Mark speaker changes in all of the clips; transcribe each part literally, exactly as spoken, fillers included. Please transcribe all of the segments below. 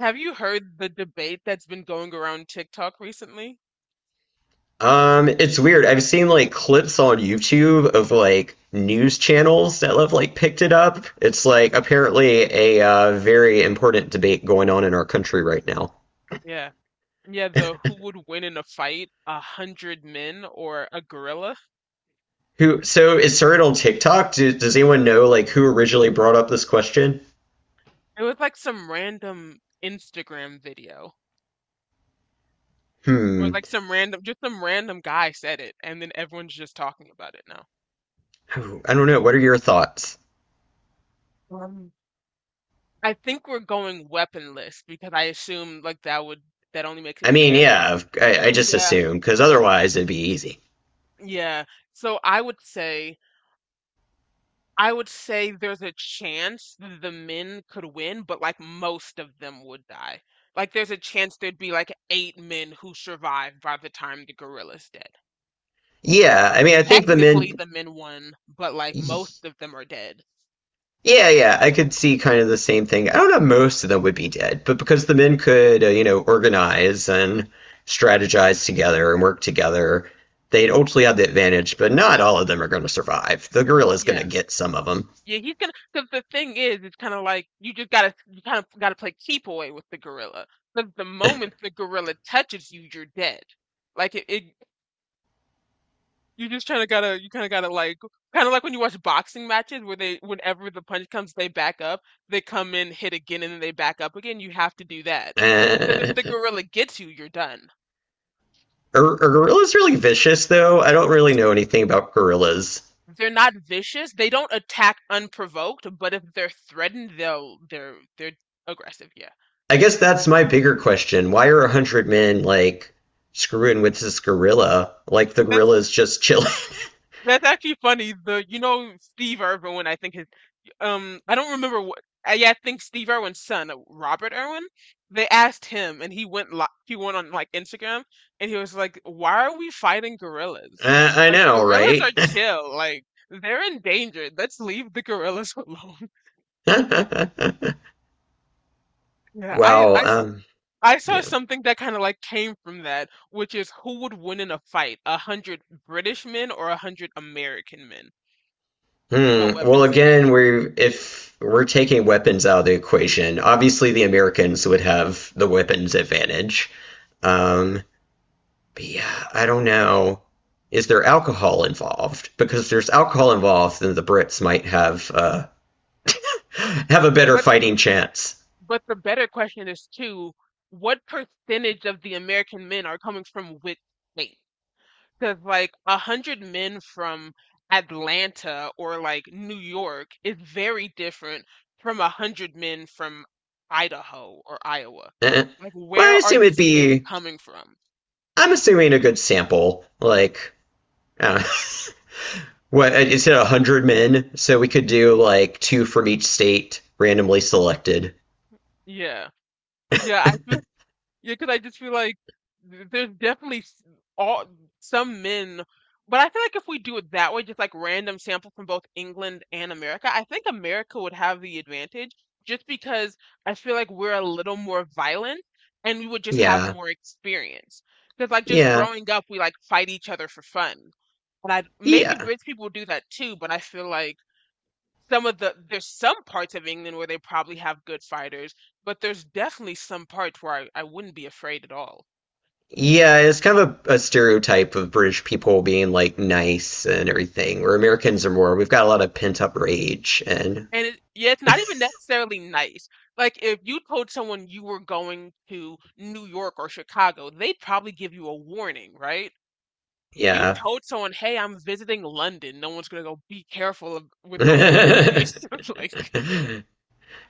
Speaker 1: Have you heard the debate that's been going around TikTok recently?
Speaker 2: Um, it's weird. I've seen like clips on YouTube of like news channels that have like picked it up. It's like apparently a uh, very important debate going on in our country right now.
Speaker 1: Yeah. Yeah, the who would win in a fight, a hundred men or a gorilla?
Speaker 2: Who, so it started on TikTok. Do, does anyone know like who originally brought up this question?
Speaker 1: It was like some random Instagram video or
Speaker 2: Hmm.
Speaker 1: like some random, just some random guy said it, and then everyone's just talking about it now.
Speaker 2: Oh, I don't know. What are your thoughts?
Speaker 1: Um, I think we're going weaponless because I assume like that would that only makes
Speaker 2: I
Speaker 1: it
Speaker 2: mean,
Speaker 1: fair.
Speaker 2: yeah, I, I just
Speaker 1: Yeah,
Speaker 2: assume because otherwise it'd be easy.
Speaker 1: yeah. So I would say I would say there's a chance the men could win, but like most of them would die. Like there's a chance there'd be like eight men who survived by the time the gorilla's dead.
Speaker 2: Yeah,
Speaker 1: So
Speaker 2: I mean, I think the
Speaker 1: technically
Speaker 2: men.
Speaker 1: the men won, but like most of them are dead.
Speaker 2: Yeah, yeah, I could see kind of the same thing. I don't know if most of them would be dead, but because the men could, uh, you know, organize and strategize together and work together, they'd ultimately have the advantage, but not all of them are going to survive. The gorilla's going to
Speaker 1: Yeah.
Speaker 2: get some of them.
Speaker 1: Yeah, he's gonna, because the thing is, it's kind of like you just gotta, you kind of gotta play keep away with the gorilla. Because the moment the gorilla touches you, you're dead. Like it, it You just kind of gotta, you kind of gotta like, kind of like when you watch boxing matches where they, whenever the punch comes, they back up, they come in, hit again, and then they back up again. You have to do that because if
Speaker 2: Uh,
Speaker 1: the gorilla gets you, you're done.
Speaker 2: are, are gorillas really vicious, though? I don't really know anything about gorillas.
Speaker 1: They're not vicious. They don't attack unprovoked, but if they're threatened, they'll, they're, they're aggressive. Yeah,
Speaker 2: I guess that's my bigger question. Why are a hundred men, like, screwing with this gorilla? Like, the
Speaker 1: that's
Speaker 2: gorilla's just chilling.
Speaker 1: That's actually funny. The you know Steve Irwin, I think his um I don't remember what I, yeah, I think Steve Irwin's son, uh, Robert Irwin, they asked him and he went li he went on like Instagram and he was like, "Why are we fighting gorillas?
Speaker 2: Uh, I
Speaker 1: Like
Speaker 2: know,
Speaker 1: gorillas are
Speaker 2: right?
Speaker 1: chill. Like they're endangered. Let's leave the gorillas alone." Yeah, I
Speaker 2: Well,
Speaker 1: I s-
Speaker 2: um,
Speaker 1: I saw
Speaker 2: yeah.
Speaker 1: something that kind of like came from that, which is who would win in a fight, a hundred British men or a hundred American men? No
Speaker 2: Hmm. Well,
Speaker 1: weapons again.
Speaker 2: again, we're if we're taking weapons out of the equation, obviously the Americans would have the weapons advantage. Um, but yeah, I don't know. Is there alcohol involved? Because if there's alcohol involved, then the Brits might have uh have a better
Speaker 1: But
Speaker 2: fighting chance.
Speaker 1: But the better question is too, what percentage of the American men are coming from which state? Because like a hundred men from Atlanta or like New York is very different from a hundred men from Idaho or Iowa.
Speaker 2: Eh.
Speaker 1: Like
Speaker 2: Well, I
Speaker 1: where are
Speaker 2: assume it'd
Speaker 1: these men
Speaker 2: be.
Speaker 1: coming from?
Speaker 2: I'm assuming a good sample, like. I don't know. What, uh, you said one hundred men, so we could do like two from each state randomly selected.
Speaker 1: Yeah. Yeah, I Yeah, because I just feel like th- there's definitely s- all some men, but I feel like if we do it that way, just like random sample from both England and America, I think America would have the advantage just because I feel like we're a little more violent and we would just have
Speaker 2: Yeah,
Speaker 1: more experience. Because like just
Speaker 2: yeah,
Speaker 1: growing up, we like fight each other for fun. And I maybe
Speaker 2: yeah.
Speaker 1: British people do that too, but I feel like some of the there's some parts of England where they probably have good fighters, but there's definitely some parts where I, I wouldn't be afraid at all.
Speaker 2: Yeah, it's kind of a, a stereotype of British people being like nice and everything, where
Speaker 1: It's,
Speaker 2: Americans are more, we've got a lot of pent up rage and
Speaker 1: and it, yeah, it's not even necessarily nice. Like if you told someone you were going to New York or Chicago, they'd probably give you a warning, right? You
Speaker 2: yeah.
Speaker 1: told someone, "Hey, I'm visiting London." No one's gonna go, "Be careful of, with those Londoners." Like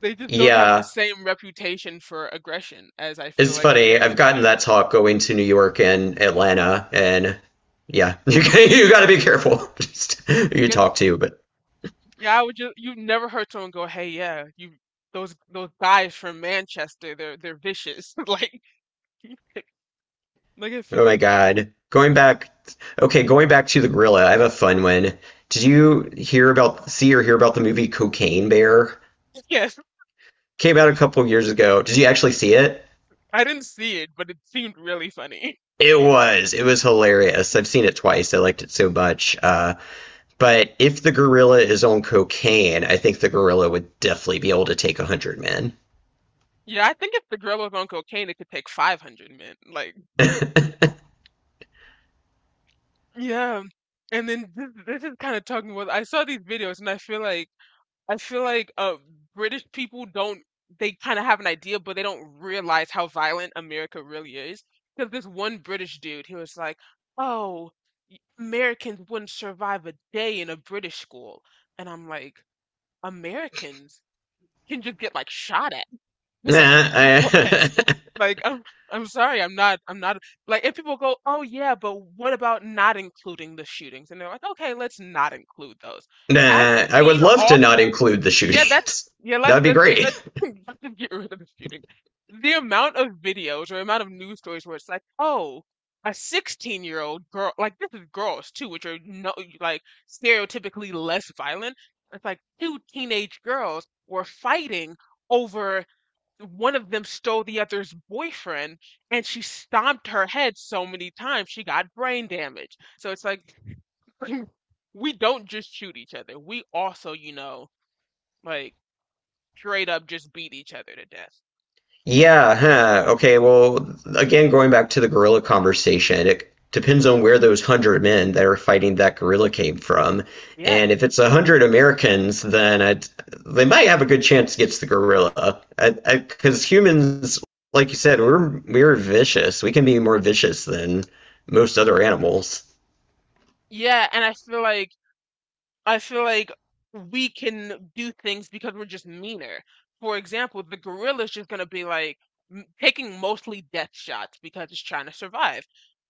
Speaker 1: they just don't have the
Speaker 2: Yeah,
Speaker 1: same reputation for aggression as I feel
Speaker 2: it's
Speaker 1: like
Speaker 2: funny. I've
Speaker 1: Americans
Speaker 2: gotten
Speaker 1: do.
Speaker 2: that talk going to New York and Atlanta and yeah, you you got to be careful just who you talk to, but
Speaker 1: Yeah, I would just you never heard someone go, "Hey, yeah, you those those guys from Manchester, they're they're vicious." Like, like I feel
Speaker 2: oh my
Speaker 1: like
Speaker 2: God. Going back, okay, going back to the gorilla, I have a fun one. Did you hear about, see or hear about the movie Cocaine Bear?
Speaker 1: yes,
Speaker 2: Came out a couple years ago. Did you actually see it?
Speaker 1: I didn't see it, but it seemed really funny.
Speaker 2: It was. It was hilarious. I've seen it twice. I liked it so much. Uh, but if the gorilla is on cocaine, I think the gorilla would definitely be able to take a hundred men.
Speaker 1: Yeah, I think if the girl was on cocaine, it could take five hundred men. Like, yeah. And then this, this is kind of talking about, I saw these videos and I feel like I feel like uh, British people don't, they kind of have an idea, but they don't realize how violent America really is. Because this one British dude, he was like, oh, y- Americans wouldn't survive a day in a British school. And I'm like, Americans can just get like shot at. It's like,
Speaker 2: Nah,
Speaker 1: yes.
Speaker 2: I,
Speaker 1: Like, I'm, I'm sorry, I'm not, I'm not, like, if people go, oh yeah, but what about not including the shootings? And they're like, okay, let's not include those. Have
Speaker 2: nah, I
Speaker 1: you
Speaker 2: would
Speaker 1: seen
Speaker 2: love
Speaker 1: all
Speaker 2: to not include the
Speaker 1: yeah, that's
Speaker 2: shootings.
Speaker 1: yeah. Let's
Speaker 2: That'd be
Speaker 1: let's get
Speaker 2: great.
Speaker 1: let's, let's just get rid of the shooting. The amount of videos or amount of news stories where it's like, oh, a sixteen-year-old girl, like this is girls too, which are no like stereotypically less violent. It's like two teenage girls were fighting over one of them stole the other's boyfriend, and she stomped her head so many times she got brain damage. So it's like we don't just shoot each other. We also, you know, like straight up just beat each other to death.
Speaker 2: Yeah, huh. Okay, well, again, going back to the gorilla conversation, it depends on where those hundred men that are fighting that gorilla came from.
Speaker 1: Yeah.
Speaker 2: And if it's a hundred Americans, then I'd, they might have a good chance against the gorilla. Because humans, like you said, we're we're vicious. We can be more vicious than most other animals.
Speaker 1: Yeah, and I feel like I feel like we can do things because we're just meaner. For example, the gorilla's just gonna be like m- taking mostly death shots because it's trying to survive.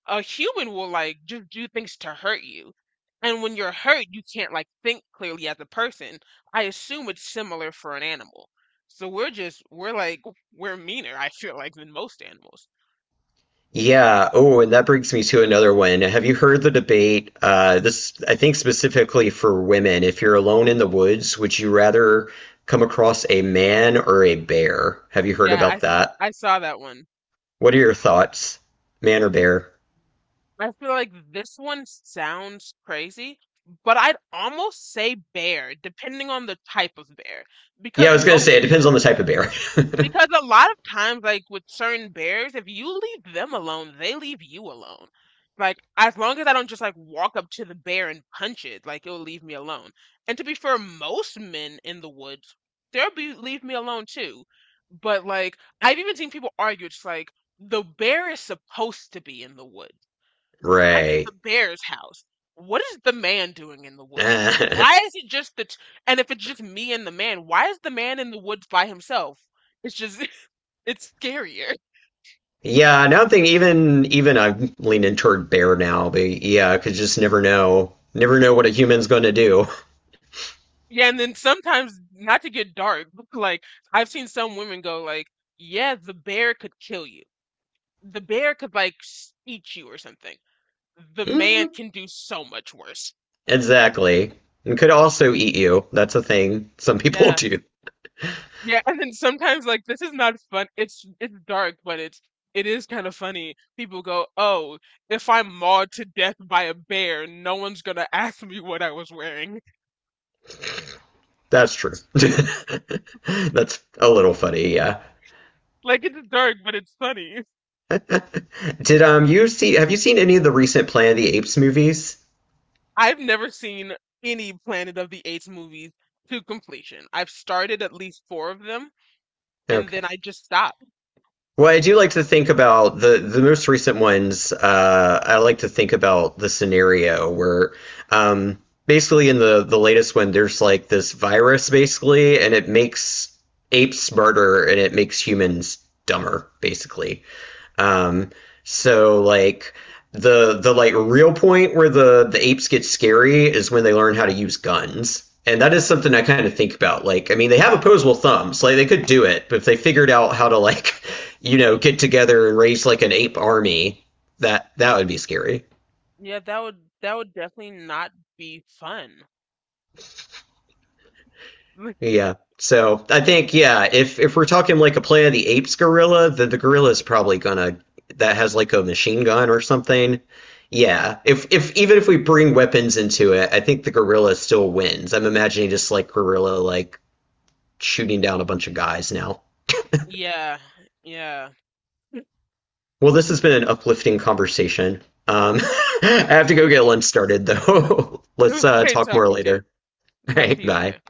Speaker 1: A human will like just do things to hurt you. And when you're hurt, you can't like think clearly as a person. I assume it's similar for an animal. So we're just we're like we're meaner, I feel like, than most animals.
Speaker 2: Yeah. Oh, and that brings me to another one. Have you heard the debate? Uh, this, I think, specifically for women. If you're alone in the woods, would you rather come across a man or a bear? Have you heard
Speaker 1: Yeah, I
Speaker 2: about that?
Speaker 1: I saw that one.
Speaker 2: What are your thoughts? Man or bear?
Speaker 1: I feel like this one sounds crazy, but I'd almost say bear, depending on the type of bear.
Speaker 2: Yeah,
Speaker 1: Because
Speaker 2: I was gonna say
Speaker 1: most,
Speaker 2: it depends on the type of bear.
Speaker 1: because a lot of times, like with certain bears, if you leave them alone, they leave you alone. Like, as long as I don't just like walk up to the bear and punch it, like it'll leave me alone. And to be fair, most men in the woods, they'll be leave me alone too. But like, I've even seen people argue, it's like the bear is supposed to be in the woods I'm in the
Speaker 2: Right.
Speaker 1: bear's house. What is the man doing in the woods? Why is it just the t- and if it's just me and the man, why is the man in the woods by himself? It's just it's scarier.
Speaker 2: Yeah, now I'm thinking even even I'm leaning toward bear now, but yeah, I could just never know. Never know what a human's gonna do.
Speaker 1: Yeah, and then sometimes not to get dark, like I've seen some women go like, "Yeah, the bear could kill you. The bear could like s- eat you or something. The man
Speaker 2: Mm,
Speaker 1: can do so much worse."
Speaker 2: exactly. And could also eat you. That's a thing some people
Speaker 1: Yeah.
Speaker 2: do.
Speaker 1: Yeah, and then sometimes like this is not fun. It's it's dark, but it's it is kind of funny. People go, "Oh, if I'm mauled to death by a bear, no one's gonna ask me what I was wearing."
Speaker 2: That's true. That's a little funny, yeah.
Speaker 1: Like it's dark, but it's funny.
Speaker 2: Did um you see have you seen any of the recent Planet of the Apes movies?
Speaker 1: I've never seen any Planet of the Apes movies to completion. I've started at least four of them, and then
Speaker 2: Okay.
Speaker 1: I just stopped.
Speaker 2: Well, I do like to think about the the most recent ones. Uh, I like to think about the scenario where, um, basically in the the latest one, there's like this virus basically, and it makes apes smarter and it makes humans dumber, basically. Um, so like the the like real point where the the apes get scary is when they learn how to use guns. And that is something I kind of think about. Like, I mean, they have opposable thumbs. Like, they could do it, but if they figured out how to, like, you know, get together and raise like an ape army, that that would be scary.
Speaker 1: Yeah, that would that would definitely not be fun.
Speaker 2: Yeah. So I think, yeah, if if we're talking like a Planet of the Apes gorilla, then the gorilla is probably gonna that has like a machine gun or something. Yeah. If if even if we bring weapons into it, I think the gorilla still wins. I'm imagining just like gorilla like shooting down a bunch of guys now.
Speaker 1: Yeah, yeah.
Speaker 2: Well, this has been an uplifting conversation. Um, I have to go get lunch started though.
Speaker 1: It
Speaker 2: Let's
Speaker 1: was
Speaker 2: uh,
Speaker 1: great
Speaker 2: talk more
Speaker 1: talking to you.
Speaker 2: later. All
Speaker 1: Talk
Speaker 2: right,
Speaker 1: to you
Speaker 2: bye.
Speaker 1: later.